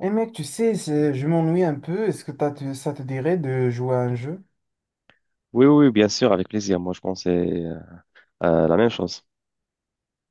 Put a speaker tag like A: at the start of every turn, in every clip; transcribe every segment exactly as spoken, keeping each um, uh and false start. A: Eh mec, tu sais, c'est- je m'ennuie un peu. Est-ce que t'as te- ça te dirait de jouer à un jeu?
B: Oui, oui, bien sûr, avec plaisir. Moi, je pensais euh, à la même chose.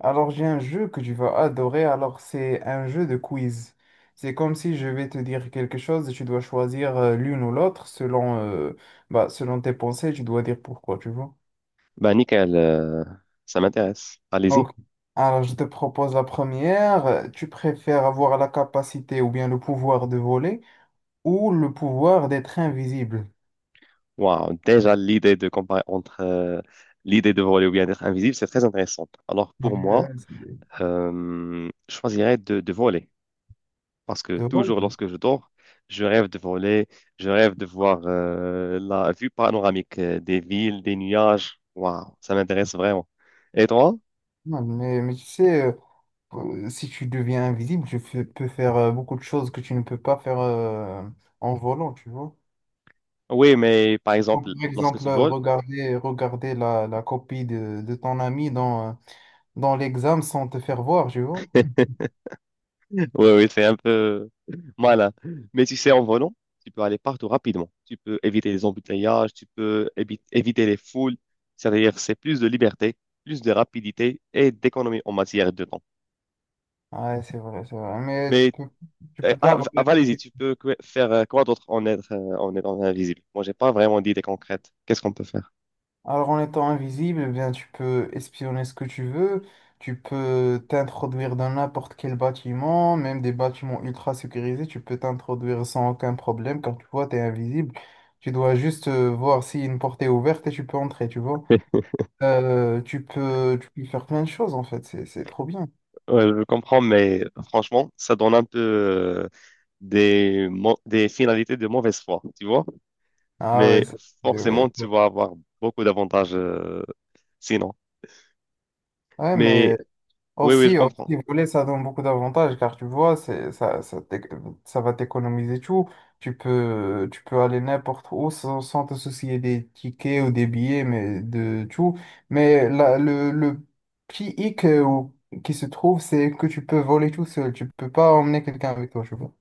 A: Alors, j'ai un jeu que tu vas adorer. Alors, c'est un jeu de quiz. C'est comme si je vais te dire quelque chose et tu dois choisir euh, l'une ou l'autre selon, euh, bah, selon tes pensées. Tu dois dire pourquoi, tu vois.
B: Bah, nickel, euh, ça m'intéresse. Allez-y.
A: Ok. Alors, je te propose la première. Euh, Tu préfères avoir la capacité ou bien le pouvoir de voler ou le pouvoir d'être invisible?
B: Waouh, déjà, l'idée de comparer entre euh, l'idée de voler ou bien d'être invisible, c'est très intéressant. Alors,
A: Ah,
B: pour
A: mais,
B: moi,
A: euh,
B: euh, je choisirais de, de voler. Parce que
A: c'est drôle.
B: toujours lorsque je dors, je rêve de voler, je rêve de voir euh, la vue panoramique euh, des villes, des nuages. Waouh, ça m'intéresse vraiment. Et toi?
A: Non, Mais, mais tu sais. euh, Euh, Si tu deviens invisible, tu fais- peux faire euh, beaucoup de choses que tu ne peux pas faire euh, en volant, tu vois.
B: Oui, mais par
A: Donc,
B: exemple,
A: par
B: lorsque
A: exemple,
B: tu
A: euh,
B: voles,
A: regarder, regarder la, la copie de, de ton ami dans, euh, dans l'examen sans te faire voir, tu vois.
B: oui, oui, c'est un peu malin. Mais tu sais, en volant, tu peux aller partout rapidement. Tu peux éviter les embouteillages, tu peux évi- éviter les foules. C'est-à-dire, c'est plus de liberté, plus de rapidité et d'économie en matière de temps.
A: Ouais, c'est vrai, c'est vrai. Mais tu
B: Mais
A: peux, tu
B: euh,
A: peux pas
B: ah, v-
A: avoir.
B: ah, vas-y, tu peux que- faire euh, quoi d'autre en être, euh, en étant invisible? Moi, j'ai pas vraiment d'idée concrète. Qu'est-ce qu'on peut faire?
A: Alors en étant invisible, eh bien, tu peux espionner ce que tu veux, tu peux t'introduire dans n'importe quel bâtiment, même des bâtiments ultra sécurisés, tu peux t'introduire sans aucun problème. Quand tu vois, tu es invisible, tu dois juste euh, voir si une porte est ouverte et tu peux entrer, tu vois. Euh, tu peux, tu peux faire plein de choses en fait, c'est, c'est trop bien.
B: Ouais, je comprends, mais franchement, ça donne un peu euh, des, mo- des finalités de mauvaise foi, tu vois?
A: Ah ouais,
B: Mais
A: c'est- ouais,
B: forcément,
A: c'est-
B: tu vas avoir beaucoup d'avantages euh, sinon.
A: ouais,
B: Mais
A: mais.
B: oui, oui, je
A: Aussi,
B: comprends.
A: aussi, voler, ça donne beaucoup d'avantages car tu vois, c'est, ça, ça, t'éc- ça va t'économiser tout. Tu peux, tu peux aller n'importe où sans, sans te soucier des tickets ou des billets, mais de tout. Mais la, le, le petit hic euh, ou- qui se trouve, c'est que tu peux voler tout seul. Tu peux pas emmener quelqu'un avec toi, tu vois.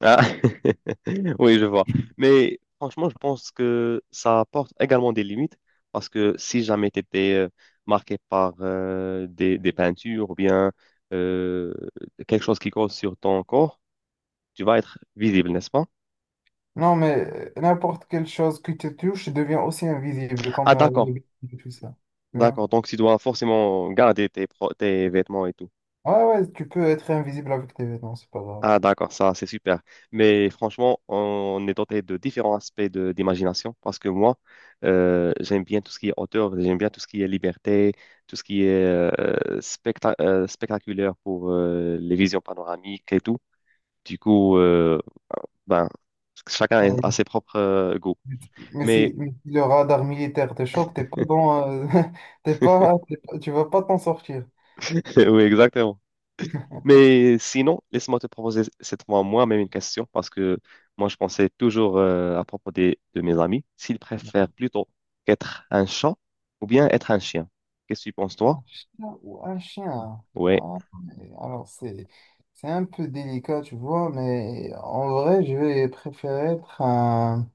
B: Ah, oui, je vois. Mais franchement, je pense que ça apporte également des limites parce que si jamais tu étais euh, marqué par euh, des, des peintures ou bien euh, quelque chose qui cause sur ton corps, tu vas être visible, n'est-ce pas?
A: Non, mais euh, n'importe quelle chose qui te touche devient aussi invisible,
B: Ah,
A: comme euh, les
B: d'accord,
A: vêtements et tout ça. Tu vois.
B: d'accord. Donc, tu dois forcément garder tes, pro- tes vêtements et tout.
A: Ouais, ouais, tu peux être invisible avec tes vêtements, c'est pas grave.
B: Ah, d'accord, ça, c'est super. Mais franchement, on est doté de différents aspects de, d'imagination parce que moi, euh, j'aime bien tout ce qui est hauteur, j'aime bien tout ce qui est liberté, tout ce qui est euh, specta- euh, spectaculaire pour euh, les visions panoramiques et tout. Du coup, euh, ben, chacun a
A: Ouais.
B: ses propres euh, goûts.
A: Mais si,
B: Mais
A: mais si le radar militaire te chope, t'es pas dans, euh, t'es pas, t'es pas- tu vas pas t'en sortir.
B: oui, exactement. Mais sinon, laisse-moi te proposer cette fois moi-même une question parce que moi, je pensais toujours euh, à propos des- de mes amis, s'ils préfèrent plutôt être un chat ou bien être un chien. Qu'est-ce que tu penses, toi?
A: Un chat ou un chien?
B: Ouais.
A: Ah, mais alors c'est, c'est un peu délicat, tu vois, mais en vrai, je vais préférer être un,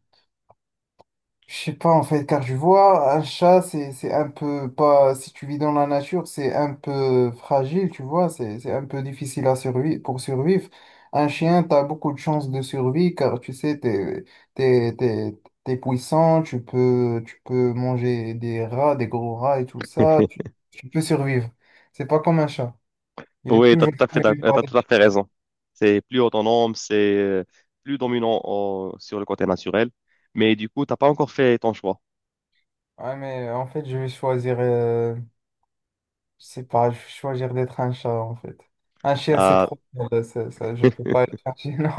A: Je sais pas en fait, car je vois un chat, c'est c'est un peu pas. Si tu vis dans la nature, c'est un peu fragile, tu vois, c'est c'est un peu difficile à survivre pour survivre. Un chien, t'as beaucoup de chances de survie car tu sais, t'es t'es t'es t'es puissant, tu peux tu peux manger des rats, des gros rats et tout ça, tu, tu peux survivre. C'est pas comme un chat. Il est
B: Oui, tu as
A: toujours
B: tout à fait, d'ac-
A: survécu
B: euh,
A: par
B: t'as
A: des
B: tout à
A: chiens.
B: fait raison. C'est plus autonome, c'est euh, plus dominant au- sur le côté naturel. Mais du coup, t'as pas encore fait ton choix.
A: Ouais, mais en fait, je vais choisir. euh, Je sais pas, je vais choisir d'être un chat en fait. Un chien, c'est
B: Ah,
A: trop. euh, ça, ça, je peux pas être un chien, non.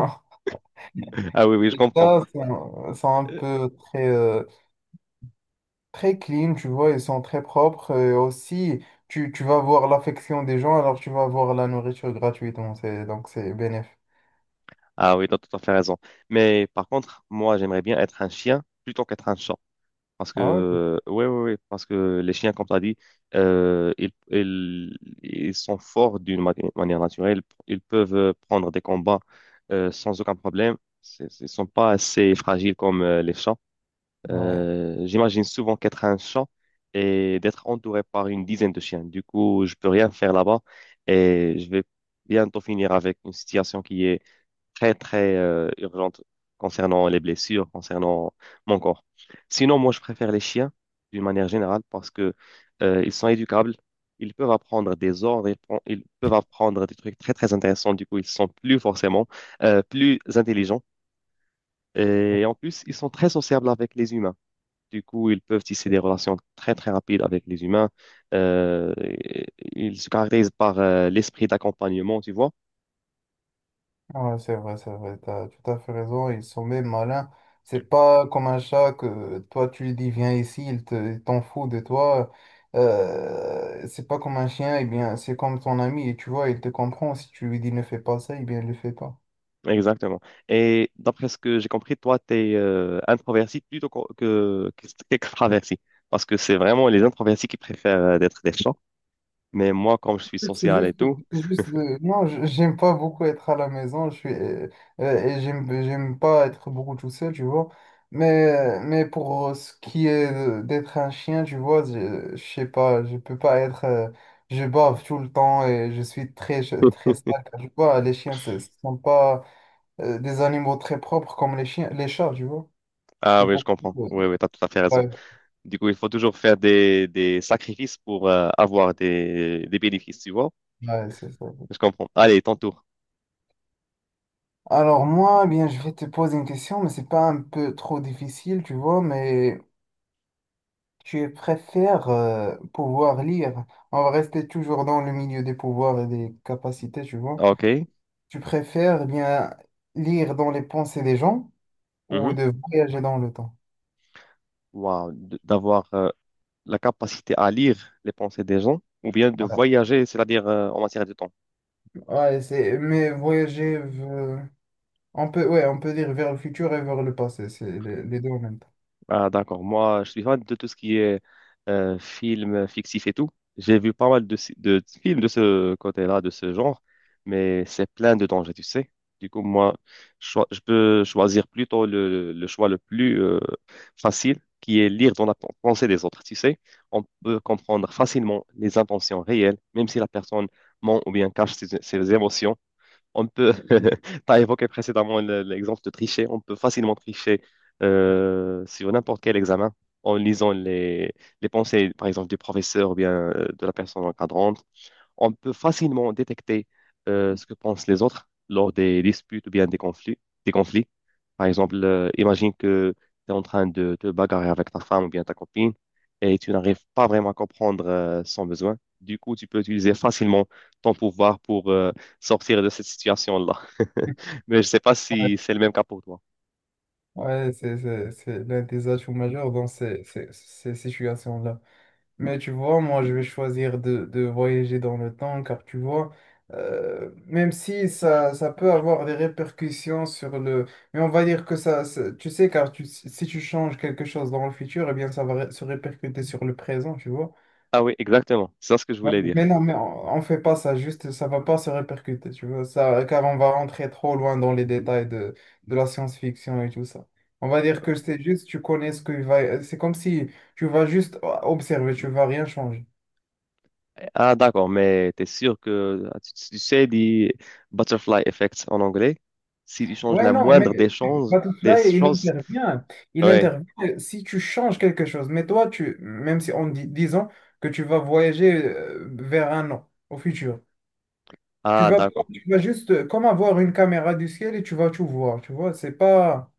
B: ah oui, oui, je
A: Les
B: comprends.
A: chats sont, sont un
B: Euh,
A: peu très, euh, très clean, tu vois, ils sont très propres. euh, aussi, tu, tu vas voir l'affection des gens, alors tu vas voir la nourriture gratuitement. C'est, donc, c'est bénéfique.
B: Ah oui, tu as tout à fait raison. Mais par contre, moi, j'aimerais bien être un chien plutôt qu'être un chat. Parce
A: Ah ouais?
B: que, ouais, ouais, ouais, parce que les chiens, comme tu as dit, euh, ils, ils, ils sont forts d'une ma- manière naturelle. Ils peuvent euh, prendre des combats euh, sans aucun problème. C'est- Ils ne sont pas assez fragiles comme euh, les chats.
A: Ouais.
B: Euh, j'imagine souvent qu'être un chat et d'être entouré par une dizaine de chiens. Du coup, je peux rien faire là-bas et je vais bientôt finir avec une situation qui est très, très euh, urgente concernant les blessures, concernant mon corps. Sinon, moi, je préfère les chiens d'une manière générale parce que euh, ils sont éducables, ils peuvent apprendre des ordres, ils, pon- ils peuvent apprendre des trucs très, très intéressants. Du coup, ils sont plus forcément euh, plus intelligents. Et en plus, ils sont très sociables avec les humains. Du coup, ils peuvent tisser des relations très, très rapides avec les humains. Euh, et- et ils se caractérisent par euh, l'esprit d'accompagnement, tu vois.
A: Ouais, c'est vrai, c'est vrai, t'as tout à fait raison, ils sont même malins. C'est pas comme un chat que toi tu lui dis viens ici, il te, il t'en fout de toi. Euh, c'est pas comme un chien, eh bien c'est comme ton ami et tu vois, il te comprend. Si tu lui dis ne fais pas ça, eh bien il le fait pas.
B: Exactement. Et d'après ce que j'ai compris, toi, tu es euh, introverti plutôt qu'o- que, qu'extraverti. Parce que c'est vraiment les introvertis qui préfèrent euh, d'être des chats. Mais moi, comme je suis
A: C'est
B: social et
A: juste,
B: tout,
A: c'est juste, euh, non, j- j'aime pas beaucoup être à la maison, je suis, euh, euh, et j'aime, j'aime pas être beaucoup tout seul, tu vois. Mais, mais pour euh, ce qui est de- d'être un chien, tu vois, je, je sais pas, je peux pas être, euh, je bave tout le temps et je suis très, je- très sale, tu vois. Les chiens, ce ce sont pas, euh, des animaux très propres comme les chiens, les chats, tu vois.
B: ah
A: C'est
B: oui, je
A: pour,
B: comprends.
A: euh,
B: Oui, oui, tu as tout à fait raison.
A: ouais,
B: Du coup, il faut toujours faire des, des sacrifices pour euh, avoir des, des bénéfices, tu vois?
A: ouais, c'est ça.
B: Je comprends. Allez, ton tour.
A: Alors moi, eh bien, je vais te poser une question, mais c'est pas un peu trop difficile, tu vois, mais Tu préfères euh, pouvoir lire, on va rester toujours dans le milieu des pouvoirs et des capacités, tu vois.
B: OK.
A: Tu préfères bien lire dans les pensées des gens ou
B: Mhm.
A: de voyager dans le temps?
B: Wow. D- D'avoir euh, la capacité à lire les pensées des gens ou bien de
A: Ah,
B: voyager, c'est-à-dire euh, en matière de temps.
A: Ouais, c'est, mais voyager, euh, on peut, ouais, on peut dire vers le futur et vers le passé, c'est les, les deux en même temps.
B: Ah, d'accord. Moi, je suis fan de tout ce qui est euh, film fictif et tout. J'ai vu pas mal de, si- de films de ce côté-là, de ce genre, mais c'est plein de dangers, tu sais. Du coup, moi, cho- je peux choisir plutôt le, le choix le plus euh, facile, qui est lire dans la pen- pensée des autres, tu sais. On peut comprendre facilement les intentions réelles, même si la personne ment ou bien cache ses, ses émotions on peut, tu as évoqué précédemment le- l'exemple de tricher, on peut facilement tricher euh, sur n'importe quel examen en lisant les, les pensées, par exemple, du professeur ou bien euh, de la personne encadrante. On peut facilement détecter euh, ce que pensent les autres lors des disputes ou bien des conflits. Des conflits. Par exemple, euh, imagine que tu es en train de te bagarrer avec ta femme ou bien ta copine et tu n'arrives pas vraiment à comprendre euh, son besoin. Du coup, tu peux utiliser facilement ton pouvoir pour euh, sortir de cette situation-là. Mais je ne sais pas
A: Ouais,
B: si c'est le même cas pour toi.
A: ouais, c'est c'est- c'est l'un des atouts majeurs dans ces, ces, ces situations-là. Mais tu vois, moi, je vais choisir de, de voyager dans le temps, car tu vois, euh, même si ça, ça peut avoir des répercussions sur le... Mais on va dire que ça, ça- tu sais, car tu, si si tu changes quelque chose dans le futur, eh bien, ça va ré- se répercuter sur le présent, tu vois.
B: Ah oui, exactement. C'est ça ce que je
A: Ouais,
B: voulais
A: Mais
B: dire.
A: non, mais on, on fait pas ça, juste, ça va pas se répercuter, tu vois, ça, car on va rentrer trop loin dans les détails de, de la science-fiction et tout ça. On va dire que c'est juste, tu connais ce qu'il va... C'est comme si tu vas juste observer, tu vas rien changer.
B: Ah, d'accord, mais t'es sûr que ah, tu, tu sais les butterfly effects en anglais? Si tu changes
A: Ouais,
B: la
A: non, mais
B: moindre des choses,
A: pas tout
B: des
A: cela, il
B: choses,
A: intervient. Il
B: ouais.
A: intervient si tu changes quelque chose. Mais toi, tu, même si on dit, disons que tu vas voyager euh, vers un an au futur, tu
B: Ah,
A: vas,
B: d'accord.
A: tu vas juste euh, comme avoir une caméra du ciel et tu vas tout voir. Tu vois, c'est pas.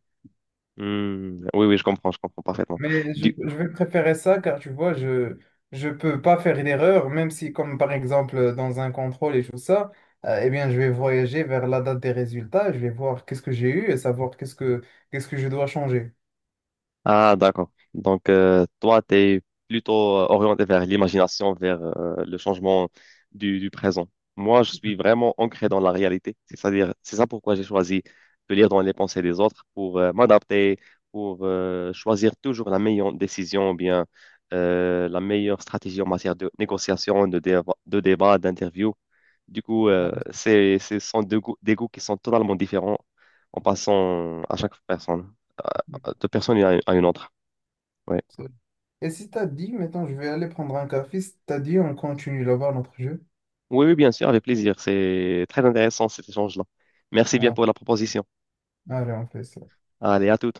B: Hmm, oui, oui, je comprends, je comprends parfaitement.
A: Mais je,
B: Du,
A: je vais préférer ça car tu vois, je je peux pas faire une erreur, même si comme par exemple euh, dans un contrôle et tout ça, euh, eh bien je vais voyager vers la date des résultats, je vais voir qu'est-ce que j'ai eu et savoir qu'est-ce que qu'est-ce que je dois changer.
B: Ah, d'accord. Donc, euh, toi, tu es plutôt euh, orienté vers l'imagination, vers euh, le changement du, du présent. Moi, je suis vraiment ancré dans la réalité. C'est-à-dire, c'est ça pourquoi j'ai choisi de lire dans les pensées des autres pour euh, m'adapter, pour euh, choisir toujours la meilleure décision ou bien euh, la meilleure stratégie en matière de négociation, de, déva- de débat, d'interview. Du coup,
A: Ouais,
B: euh, c'est, ce sont deux goûts- des goûts qui sont totalement différents en passant à chaque personne, de personne à une à une autre. Ouais.
A: c'est- Et si t'as dit, maintenant je vais aller prendre un café, si t'as dit, on continue là-bas notre jeu.
B: Oui, oui, bien sûr, avec plaisir. C'est très intéressant cet échange-là. Merci bien
A: Ouais.
B: pour la proposition.
A: Allez, on fait ça.
B: Allez, à tout.